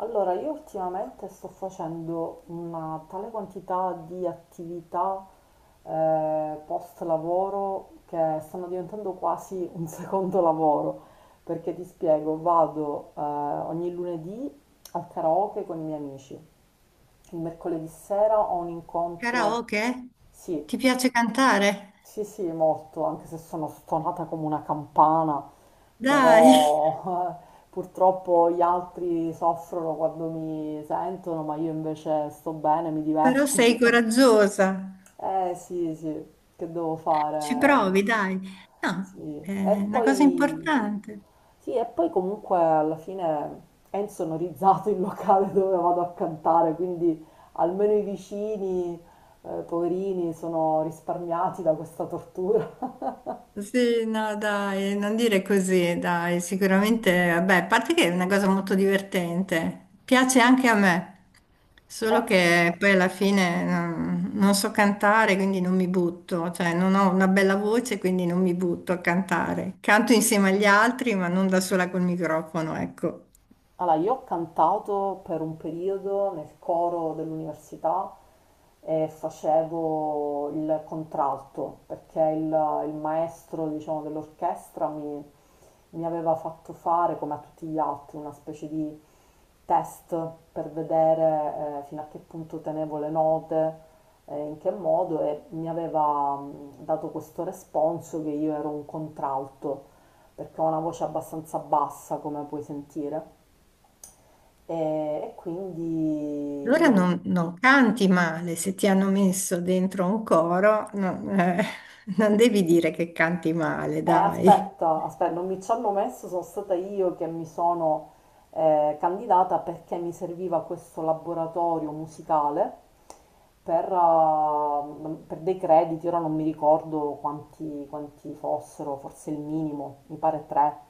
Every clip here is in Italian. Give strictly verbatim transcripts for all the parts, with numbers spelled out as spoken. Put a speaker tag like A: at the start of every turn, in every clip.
A: Allora, io ultimamente sto facendo una tale quantità di attività eh, post lavoro che stanno diventando quasi un secondo lavoro, perché ti spiego, vado eh, ogni lunedì al karaoke con i miei amici, il mercoledì sera ho un incontro,
B: Karaoke?
A: sì,
B: Ti piace cantare?
A: sì, sì, molto, anche se sono stonata come una campana,
B: Dai,
A: però eh, purtroppo gli altri soffrono quando mi sentono, ma io invece sto bene, mi
B: però
A: diverto.
B: sei coraggiosa.
A: Eh sì, sì, che devo
B: Ci
A: fare?
B: provi, dai.
A: Sì.
B: No, è
A: E
B: una cosa
A: poi,
B: importante.
A: sì, e poi comunque alla fine è insonorizzato il locale dove vado a cantare, quindi almeno i vicini, eh, poverini, sono risparmiati da questa tortura.
B: Sì, no, dai, non dire così, dai. Sicuramente, vabbè, a parte che è una cosa molto divertente. Piace anche a me. Solo che poi alla fine non, non so cantare, quindi non mi butto. Cioè, non ho una bella voce, quindi non mi butto a cantare. Canto insieme agli altri, ma non da sola col microfono, ecco.
A: Allora, io ho cantato per un periodo nel coro dell'università e facevo il contralto perché il, il maestro, diciamo, dell'orchestra mi, mi aveva fatto fare, come a tutti gli altri, una specie di test per vedere eh, fino a che punto tenevo le note, eh, in che modo e mi aveva mh, dato questo responso che io ero un contralto perché ho una voce abbastanza bassa, come puoi sentire. E quindi
B: Allora
A: io,
B: non, non canti male, se ti hanno messo dentro un coro, non, eh, non devi dire che canti male,
A: eh,
B: dai.
A: aspetta, aspetta, non mi ci hanno messo, sono stata io che mi sono eh, candidata perché mi serviva questo laboratorio musicale per, eh, per dei crediti, ora non mi ricordo quanti, quanti fossero, forse il minimo, mi pare tre.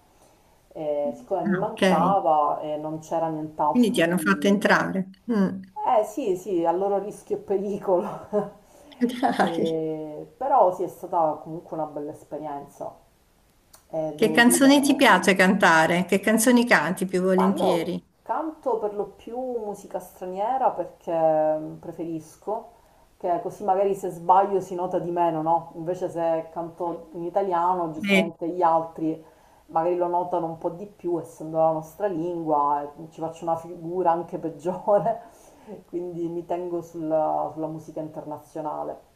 A: Eh, siccome mi
B: Ah, ok,
A: mancava e non c'era
B: quindi ti
A: nient'altro
B: hanno fatto
A: di...
B: entrare. Mm.
A: Eh sì, sì, a loro rischio e pericolo.
B: Dai.
A: Eh, però sì, è stata comunque una bella esperienza. Eh,
B: Che
A: devo dire.
B: canzoni ti piace cantare? Che canzoni canti più
A: Ma io
B: volentieri?
A: canto per lo più musica straniera perché mm, preferisco, che così magari se sbaglio si nota di meno, no? Invece se canto in italiano,
B: Sì,
A: giustamente gli altri magari lo notano un po' di più, essendo la nostra lingua, e ci faccio una figura anche peggiore, quindi mi tengo sulla, sulla musica internazionale.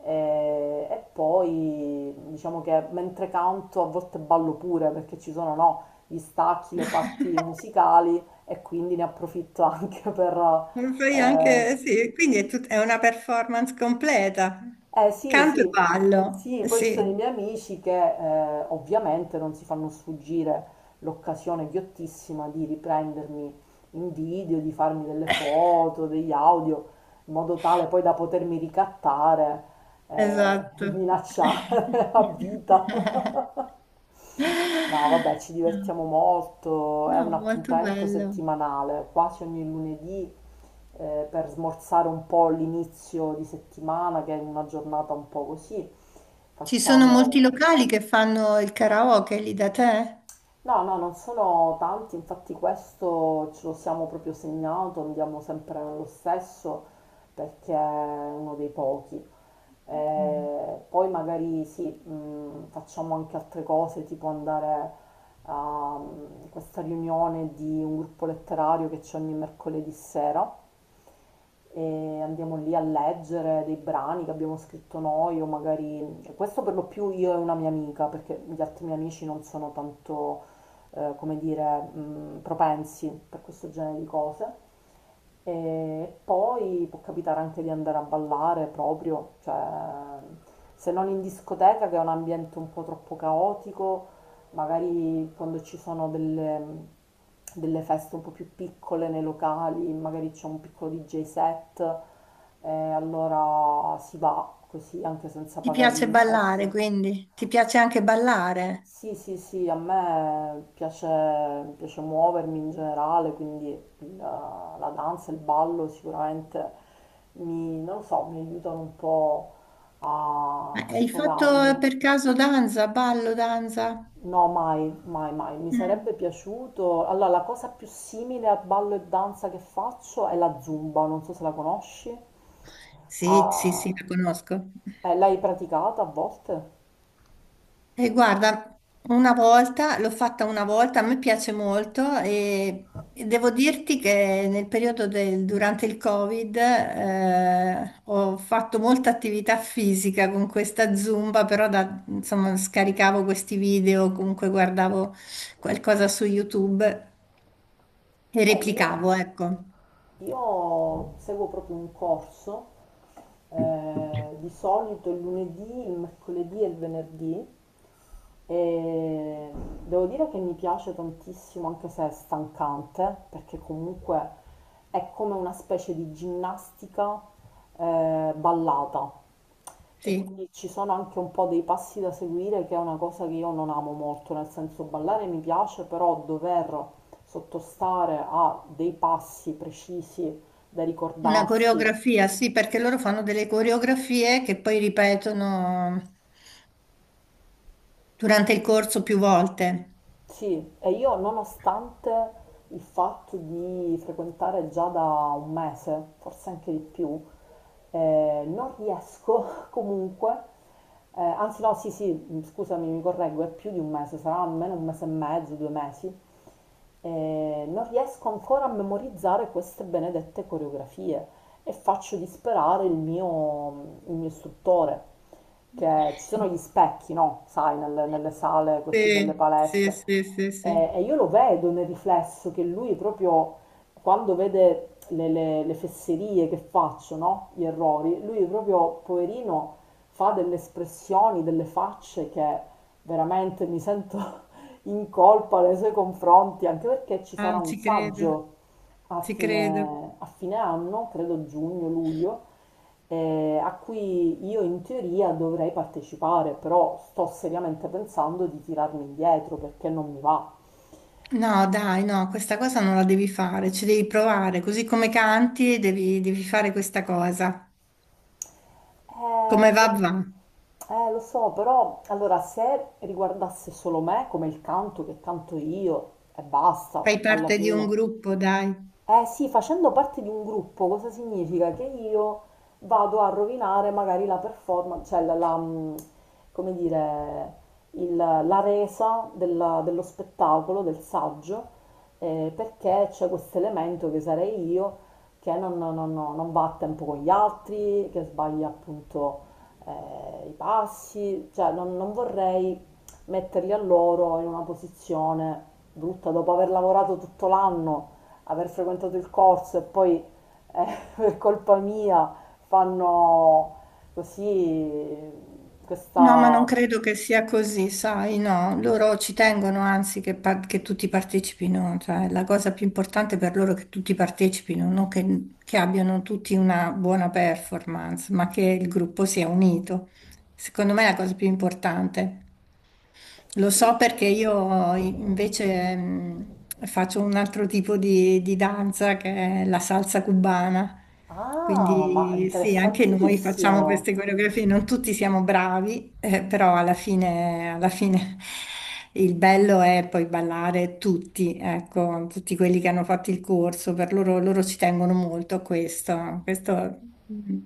A: E, e poi diciamo che mentre canto a volte ballo pure perché ci sono, no? gli stacchi, le parti musicali e quindi ne approfitto anche per...
B: lo fai
A: Eh,
B: anche, sì, quindi è, tut- è una performance completa.
A: eh, sì,
B: Canto e
A: sì,
B: ballo,
A: sì, poi ci sono i
B: sì,
A: miei amici che eh, ovviamente non si fanno sfuggire l'occasione ghiottissima di riprendermi in video, di farmi delle foto, degli audio, in modo tale poi da potermi ricattare, eh,
B: esatto.
A: minacciare a vita. No, vabbè, ci divertiamo molto, è
B: No,
A: un
B: molto
A: appuntamento
B: bello.
A: settimanale, quasi ogni lunedì, eh, per smorzare un po' l'inizio di settimana, che è una giornata un po' così.
B: Ci sono molti
A: Facciamo...
B: locali che fanno il karaoke lì da te?
A: No, no, non sono tanti, infatti questo ce lo siamo proprio segnato, andiamo sempre nello stesso perché è uno dei pochi.
B: Mm.
A: Eh, poi magari sì, mh, facciamo anche altre cose, tipo andare a mh, questa riunione di un gruppo letterario che c'è ogni mercoledì sera e andiamo lì a leggere dei brani che abbiamo scritto noi o magari questo per lo più io e una mia amica perché gli altri miei amici non sono tanto eh, come dire mh, propensi per questo genere di cose e poi può capitare anche di andare a ballare proprio, cioè se non in discoteca che è un ambiente un po' troppo caotico, magari quando ci sono delle, delle feste un po' più piccole nei locali, magari c'è un piccolo D J set, e allora si va così anche senza
B: Ti
A: pagare
B: piace ballare,
A: l'ingresso.
B: quindi? Ti piace anche ballare?
A: Sì, sì, sì, a me piace, piace muovermi in generale, quindi il- la danza, il ballo sicuramente mi, non lo so, mi aiutano un po' a,
B: Eh,
A: a
B: Hai fatto
A: sfogarmi.
B: per caso danza, ballo, danza?
A: No, mai, mai, mai. Mi
B: Mm.
A: sarebbe piaciuto. Allora, la cosa più simile a ballo e danza che faccio è la zumba, non so se la conosci.
B: Sì, sì,
A: Ah,
B: sì, la conosco.
A: eh, l'hai praticata a volte?
B: E guarda, una volta, l'ho fatta una volta, a me piace molto e, e devo dirti che nel periodo del, durante il Covid eh, ho fatto molta attività fisica con questa Zumba, però da- insomma, scaricavo questi video, comunque guardavo qualcosa su YouTube e
A: Eh, io.
B: replicavo, ecco.
A: Io seguo proprio un corso, eh, di solito il lunedì, il mercoledì e il venerdì, e devo dire che mi piace tantissimo, anche se è stancante, perché comunque è come una specie di ginnastica eh, ballata. E
B: Sì,
A: quindi ci sono anche un po' dei passi da seguire, che è una cosa che io non amo molto, nel senso ballare mi piace, però dover sottostare a dei passi precisi da
B: una
A: ricordarsi.
B: coreografia, sì, perché loro fanno delle coreografie che poi ripetono durante il corso più volte.
A: Sì, e io nonostante il fatto di frequentare già da un mese, forse anche di più, eh, non riesco comunque, eh, anzi no, sì, sì, scusami, mi correggo, è più di un mese, sarà almeno un mese e mezzo, due mesi, e non riesco ancora a memorizzare queste benedette coreografie e faccio disperare il mio, il mio istruttore, che ci sono gli specchi, no? Sai, nelle, nelle sale così delle
B: Sì, sì,
A: palestre.
B: sì, sì, sì.
A: E, e io lo vedo nel riflesso che lui proprio quando vede le, le- le fesserie che faccio, no? Gli errori, lui proprio, poverino, fa delle espressioni, delle facce che veramente mi sento in colpa nei suoi confronti, anche perché ci sarà
B: Ah,
A: un
B: ci credo,
A: saggio a
B: ci credo.
A: fine, a fine anno, credo giugno-luglio, eh, a cui io in teoria dovrei partecipare, però sto seriamente pensando di tirarmi indietro perché non mi va.
B: No, dai, no, questa cosa non la devi fare, ci devi provare, così come canti devi, devi fare questa cosa. Come
A: Eh,
B: va, va.
A: eh, lo so, però allora se riguardasse solo me, come il canto che canto io, e
B: Fai
A: basta, alla
B: parte di un
A: fine.
B: gruppo, dai.
A: Eh sì, facendo parte di un gruppo, cosa significa? Che io vado a rovinare magari la performance, cioè la, la, mh, come dire, il- la resa della- dello spettacolo, del saggio, eh, perché c'è questo elemento che sarei io che non, non- non- non va a tempo con gli altri, che sbaglia appunto eh, i passi, cioè non, non vorrei metterli a loro in una posizione brutta dopo aver lavorato tutto l'anno aver frequentato il corso e poi eh, per colpa mia fanno così
B: No, ma non
A: questa...
B: credo che sia così, sai, no, loro ci tengono anzi che, par- che tutti partecipino, cioè la cosa più importante per loro è che tutti partecipino, non che, che abbiano tutti una buona performance, ma che il gruppo sia unito. Secondo me è la cosa più importante. Lo
A: Sì,
B: so perché io invece mh, faccio un altro tipo di, di danza che è la salsa cubana.
A: ah, ma
B: Quindi sì, anche noi facciamo
A: interessantissimo!
B: queste coreografie, non tutti siamo bravi, eh, però alla fine, alla fine il bello è poi ballare tutti, ecco, tutti quelli che hanno fatto il corso, per loro, loro ci tengono molto a questo, questo mh,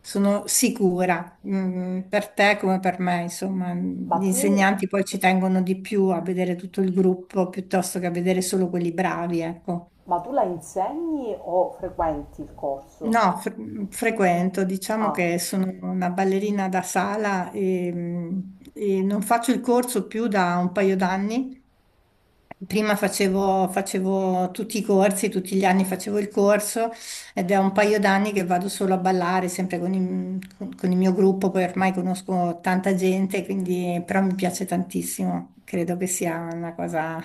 B: sono sicura. Mm, per te come per me, insomma,
A: Ma
B: gli
A: tu,
B: insegnanti poi ci tengono di più a vedere tutto il gruppo piuttosto che a vedere solo quelli bravi, ecco.
A: ma tu la insegni o frequenti il corso?
B: No, fre- frequento, diciamo
A: Ah,
B: che sono una ballerina da sala e, mm, e non faccio il corso più da un paio d'anni. Prima facevo, facevo tutti i corsi, tutti gli anni facevo il corso ed è un paio d'anni che vado solo a ballare, sempre con il, con- con il mio gruppo, poi ormai conosco tanta gente, quindi però mi piace tantissimo, credo che sia una cosa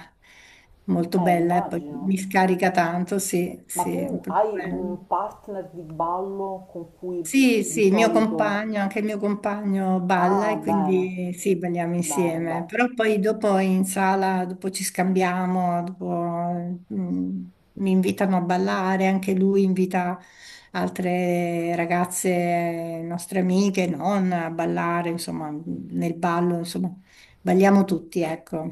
B: molto
A: eh,
B: bella e poi
A: immagino.
B: mi scarica tanto, sì,
A: Ma
B: sì,
A: tu
B: è proprio
A: hai
B: bello.
A: un partner di ballo con cui
B: Sì, sì,
A: di
B: il mio
A: solito...
B: compagno, anche il mio compagno balla
A: Ah,
B: e
A: bene,
B: quindi sì, balliamo
A: bene,
B: insieme,
A: bene.
B: però poi dopo in sala, dopo ci scambiamo, dopo mm, mi invitano a ballare, anche lui invita altre ragazze, nostre amiche, non a ballare, insomma, nel ballo, insomma, balliamo tutti, ecco,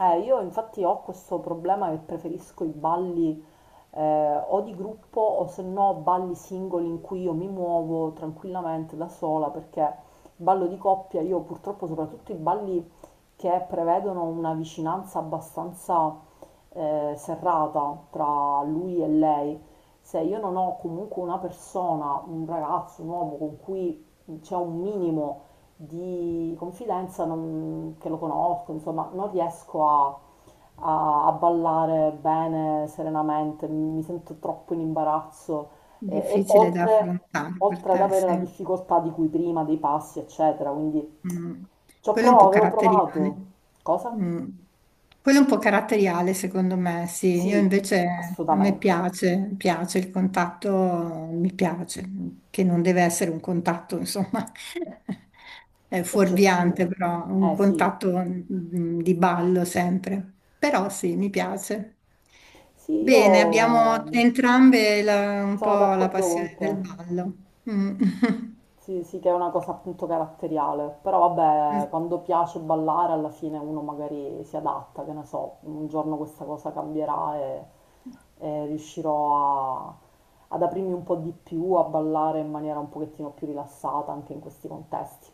A: Eh, io infatti ho questo problema che preferisco i balli eh, o di gruppo o se no balli singoli in cui io mi muovo tranquillamente da sola perché il ballo di coppia, io purtroppo soprattutto i balli che prevedono una vicinanza abbastanza eh, serrata tra lui e lei, se io non ho comunque una persona, un ragazzo, un uomo con cui c'è un minimo di confidenza non- che lo conosco, insomma, non riesco a, a- a ballare bene, serenamente, mi sento troppo in imbarazzo eh, e
B: difficile da
A: oltre,
B: affrontare per
A: oltre ad
B: te,
A: avere la
B: sì.
A: difficoltà di cui prima, dei passi, eccetera, quindi
B: Mm.
A: ci ho
B: Quello è un
A: provato,
B: po'
A: avevo
B: caratteriale.
A: provato. Cosa?
B: Mm. Quello è un po' caratteriale, secondo me, sì. Io
A: Sì,
B: invece a me
A: assolutamente,
B: piace, piace il contatto, mi piace, che non deve essere un contatto, insomma, è fuorviante,
A: eccessivo.
B: però un
A: Eh sì,
B: contatto mm, di ballo sempre. Però sì, mi piace.
A: sì,
B: Bene, abbiamo
A: io
B: entrambe la- un
A: sono
B: po' la
A: d'accordo con
B: passione del
A: te.
B: ballo. Mm.
A: Sì, sì, che è una cosa appunto caratteriale, però vabbè, quando piace ballare alla fine uno magari si adatta, che ne so, un giorno questa cosa cambierà e, e riuscirò a- ad aprirmi un po' di più, a ballare in maniera un pochettino più rilassata anche in questi contesti.